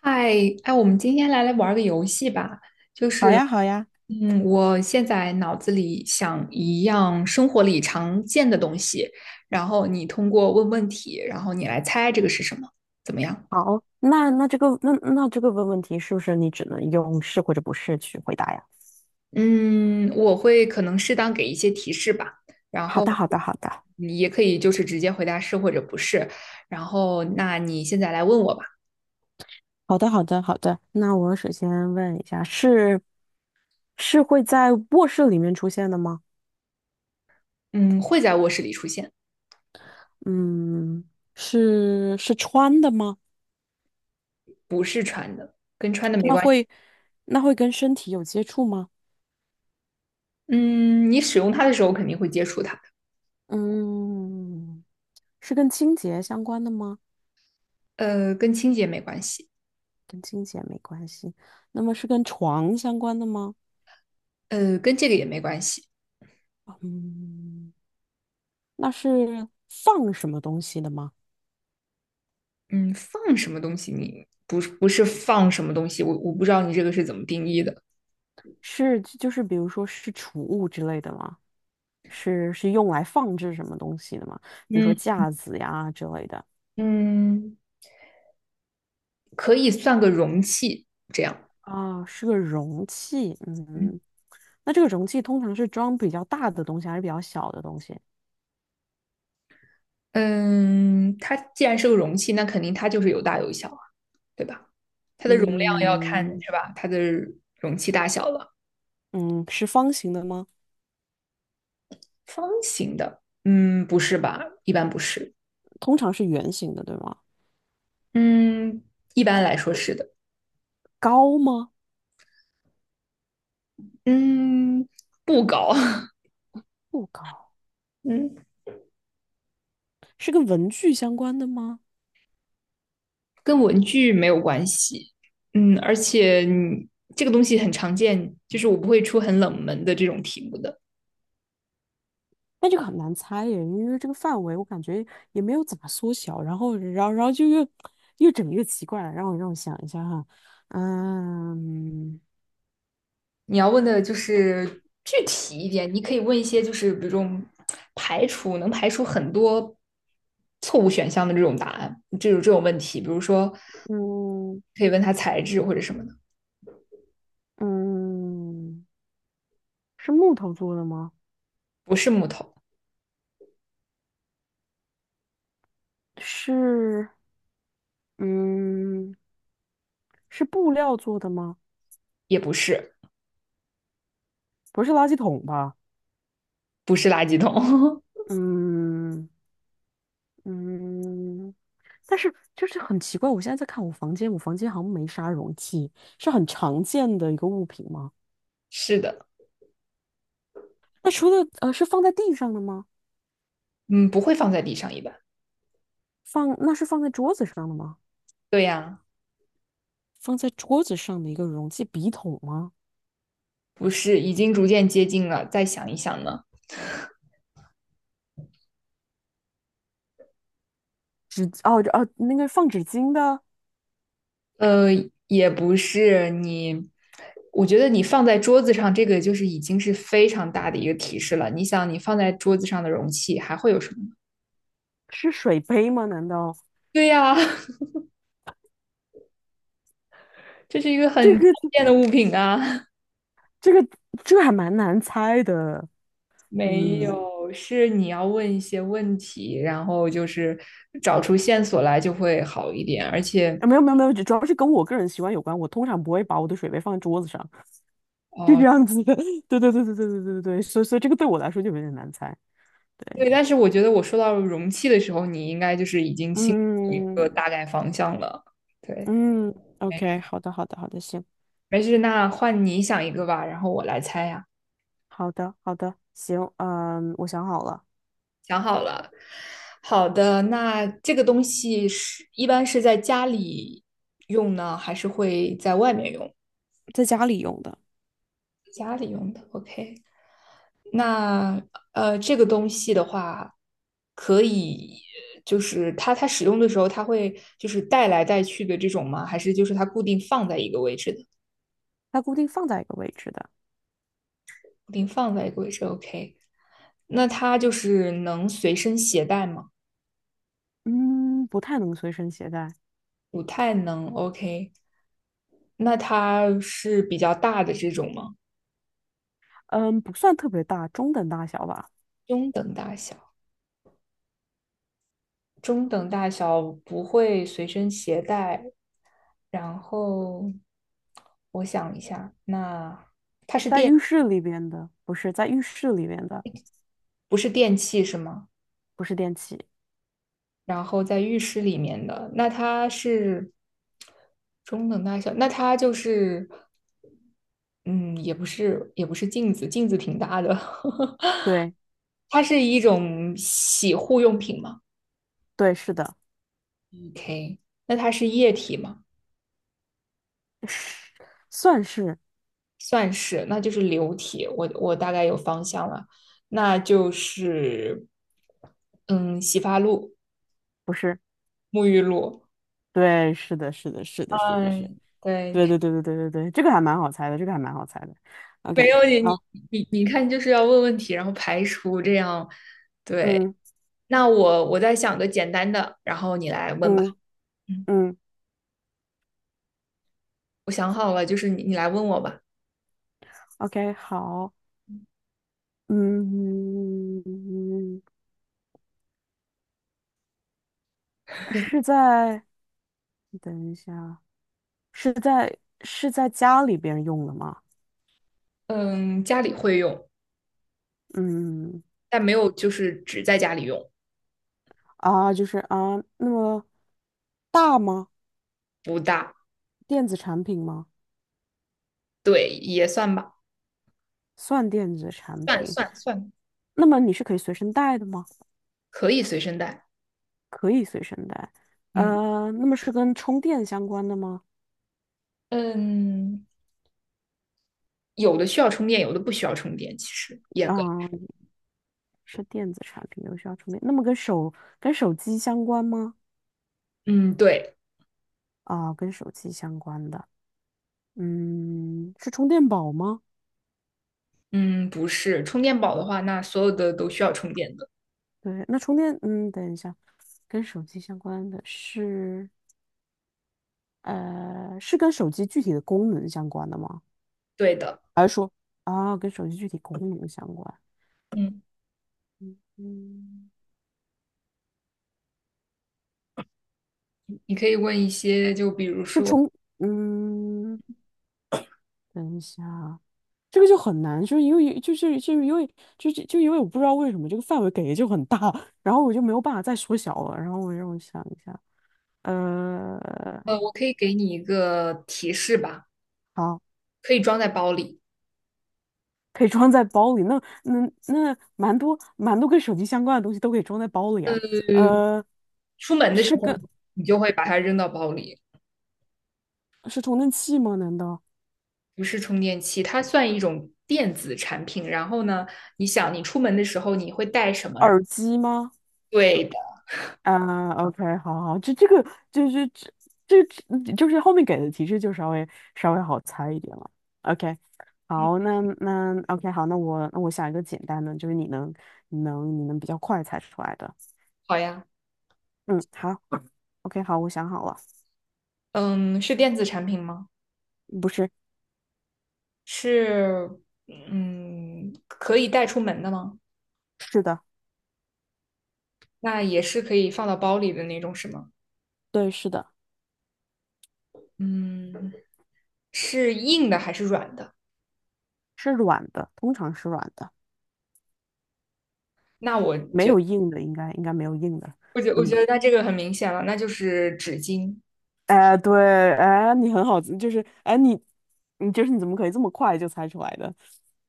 嗨，哎，我们今天来玩儿个游戏吧。就好是，呀，好呀。我现在脑子里想一样生活里常见的东西，然后你通过问问题，然后你来猜这个是什么，怎么样？好，那那这个那那这个问问题是不是你只能用是或者不是去回答呀？嗯，我会可能适当给一些提示吧，然好后的，好的，好的。你也可以就是直接回答是或者不是。然后，那你现在来问我吧。好的，好的，好的。那我首先问一下，是会在卧室里面出现的吗？嗯，会在卧室里出现。嗯，是穿的吗？跟穿的没那关系。会那会跟身体有接触吗？嗯，你使用它的时候肯定会接触它的。嗯，是跟清洁相关的吗？跟清洁没关系。跟清洁没关系。那么是跟床相关的吗？跟这个也没关系。嗯，那是放什么东西的吗？嗯，放什么东西你？不是不是放什么东西，我不知道你这个是怎么定义的。是就是比如说是储物之类的吗？是用来放置什么东西的吗？比如嗯说架子呀之类的。嗯，可以算个容器这样。啊，是个容器。嗯嗯，那这个容器通常是装比较大的东西还是比较小的东西？嗯，它既然是个容器，那肯定它就是有大有小啊，对吧？它的容量要看嗯。是吧？它的容器大小了。嗯，是方形的吗？方形的，嗯，不是吧？一般不是。通常是圆形的，对吗？嗯，一般来说是的。高吗？嗯，不高。不高。嗯，是跟文具相关的吗？跟文具没有关系。嗯，而且这个东西很常见，就是我不会出很冷门的这种题目的。那这个很难猜耶，因为这个范围我感觉也没有怎么缩小，然后就越整越奇怪了。让我想一下哈。嗯。你要问的就是具体一点，你可以问一些就是比如这排除能排除很多错误选项的这种答案，这种问题，比如说嗯。可以问它材质或者什么的。嗯，是木头做的吗？不是木头，是。嗯。是布料做的吗？也不是，不是垃圾桶吧？不是垃圾桶。嗯。嗯，但是就是很奇怪，我现在在看我房间，我房间好像没啥容器。是很常见的一个物品吗？是的。那除了是放在地上的吗？嗯，不会放在地上一般。放，那是放在桌子上的吗？对呀、啊放在桌子上的一个容器，笔筒吗？不是，已经逐渐接近了，再想一想呢。纸，哦哦，那个放纸巾的呃，也不是你，我觉得你放在桌子上，这个就是已经是非常大的一个提示了。你想，你放在桌子上的容器还会有什么呢？ 是水杯吗？难道 对呀，这是一个这很常个，见的物品啊。这个，这还蛮难猜的？没嗯。有，是你要问一些问题，然后就是找出线索来就会好一点。而且，啊，没有没有没有，主要是跟我个人习惯有关。我通常不会把我的水杯放在桌子上，就这哦、样子的。对对对对对对对对，所以这个对我来说就有点难猜。对。对，但是我觉得我说到容器的时候，你应该就是已经心里有一嗯。个大概方向了。对。嗯，OK，好的好的好的，行。没事，那换你想一个吧，然后我来猜呀。好的，好的，行。嗯，我想好了。想好了。好的，那这个东西是一般是在家里用呢，还是会在外面用？在家里用的。家里用的，OK。那这个东西的话，可以就是它使用的时候，它会就是带来带去的这种吗？还是就是它固定放在一个位置的？它固定放在一个位置的。固定放在一个位置，OK。那它就是能随身携带吗？嗯，不太能随身携带。不太能，OK。那它是比较大的这种吗？嗯，不算特别大，中等大小吧。中等中等大小，不会随身携带。然后我想一下，那在浴室里边的，不是在浴室里边的。不是电器是吗？不是电器。然后在浴室里面的，那它是中等大小，那它就是嗯，也不是镜子，镜子挺大的。对。它是一种洗护用品吗对，是的。？OK，那它是液体吗？是，算是。算是，那就是流体，我大概有方向了，那就是嗯，洗发露、不是。沐浴露。对，是的，是的，是的，是的，是。嗯，对，对，对，对，对，对，对，对，这个还蛮好猜的，这个还蛮好猜的没，OK，有你，你好。你你看，就是要问问题，然后排除这样。对，嗯。那我再想个简单的，然后你来问吧。嗯。嗯，嗯我想好了，就是你来问我吧。，OK，好。嗯。是在，等一下，是在家里边用的吗？嗯，家里会用，嗯，但没有就是只在家里用。啊，就是啊，那么大吗？不大。电子产品吗？对，也算吧，算电子产算品。算算，那么你是可以随身带的吗？可以随身带。可以随身带。嗯。呃，那么是跟充电相关的吗？嗯，有的需要充电，有的不需要充电。其实严格，啊，是电子产品，有需要充电。那么跟手机相关吗？嗯，对，啊，跟手机相关的。嗯，是充电宝吗？嗯，不是充电宝的话，那所有的都需要充电的。对，那充电，嗯，等一下，跟手机相关的是，呃，是跟手机具体的功能相关的吗？对的，还是说，啊，跟手机具体功能相关？嗯，嗯。嗯。你可以问一些，就比如是说，充，嗯，等一下啊，这个就很难，就是因为就是就是因为就是就因为我不知道为什么这个范围给的就很大，然后我就没有办法再缩小了，然后让我想一下。呃，我可以给你一个提示吧，好。可以装在包里，可以装在包里，那那，那蛮多跟手机相关的东西都可以装在包里啊。呃，出门的时是候跟，你就会把它扔到包里。是充电器吗？难道不是充电器，它算一种电子产品。然后呢，你想你出门的时候你会带什么？然后耳机吗？对的。啊，OK，好好，就是这这这就是后面给的提示就稍微好猜一点了。OK，好，那那 OK，好，那我想一个简单的，就是你能比较快猜出来的。好呀，嗯，好，OK，好，我想好了。嗯，是电子产品吗？不是。是嗯可以带出门的吗？是的。那也是可以放到包里的那种是吗？对，是的。嗯，是硬的还是软的？是软的，通常是软的，那我没觉有硬的，应该没有硬的。我觉我觉嗯，得那这个很明显了，那就是纸巾，哎，对，哎，你很好，就是哎，你就是你怎么可以这么快就猜出来的？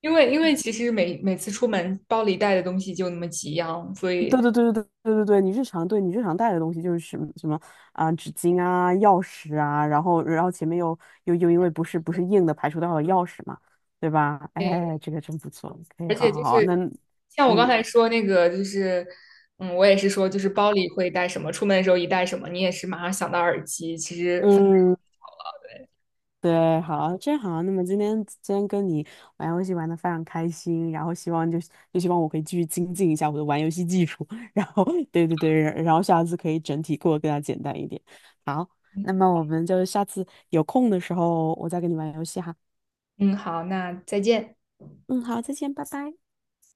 因为因为其实每每次出门包里带的东西就那么几样，所以对对对对对对对对，你日常带的东西就是什么什么啊、纸巾啊、钥匙啊，然后然后前面又因为不是硬的排除掉了钥匙嘛，对吧？对，哎，这个真不错，可以，而好且好就好，那是像我嗯。刚才说那个就是。嗯，我也是说，就是包里会带什么，出门的时候一带什么，你也是马上想到耳机。其实，嗯。对，好，真好。那么今天跟你玩游戏玩的非常开心，然后希望就是就希望我可以继续精进一下我的玩游戏技术，然后对对对，然后下次可以整体过得更加简单一点。好，那么我们就下次有空的时候我再跟你玩游戏哈。嗯，好，那再见。嗯，好，再见，拜拜。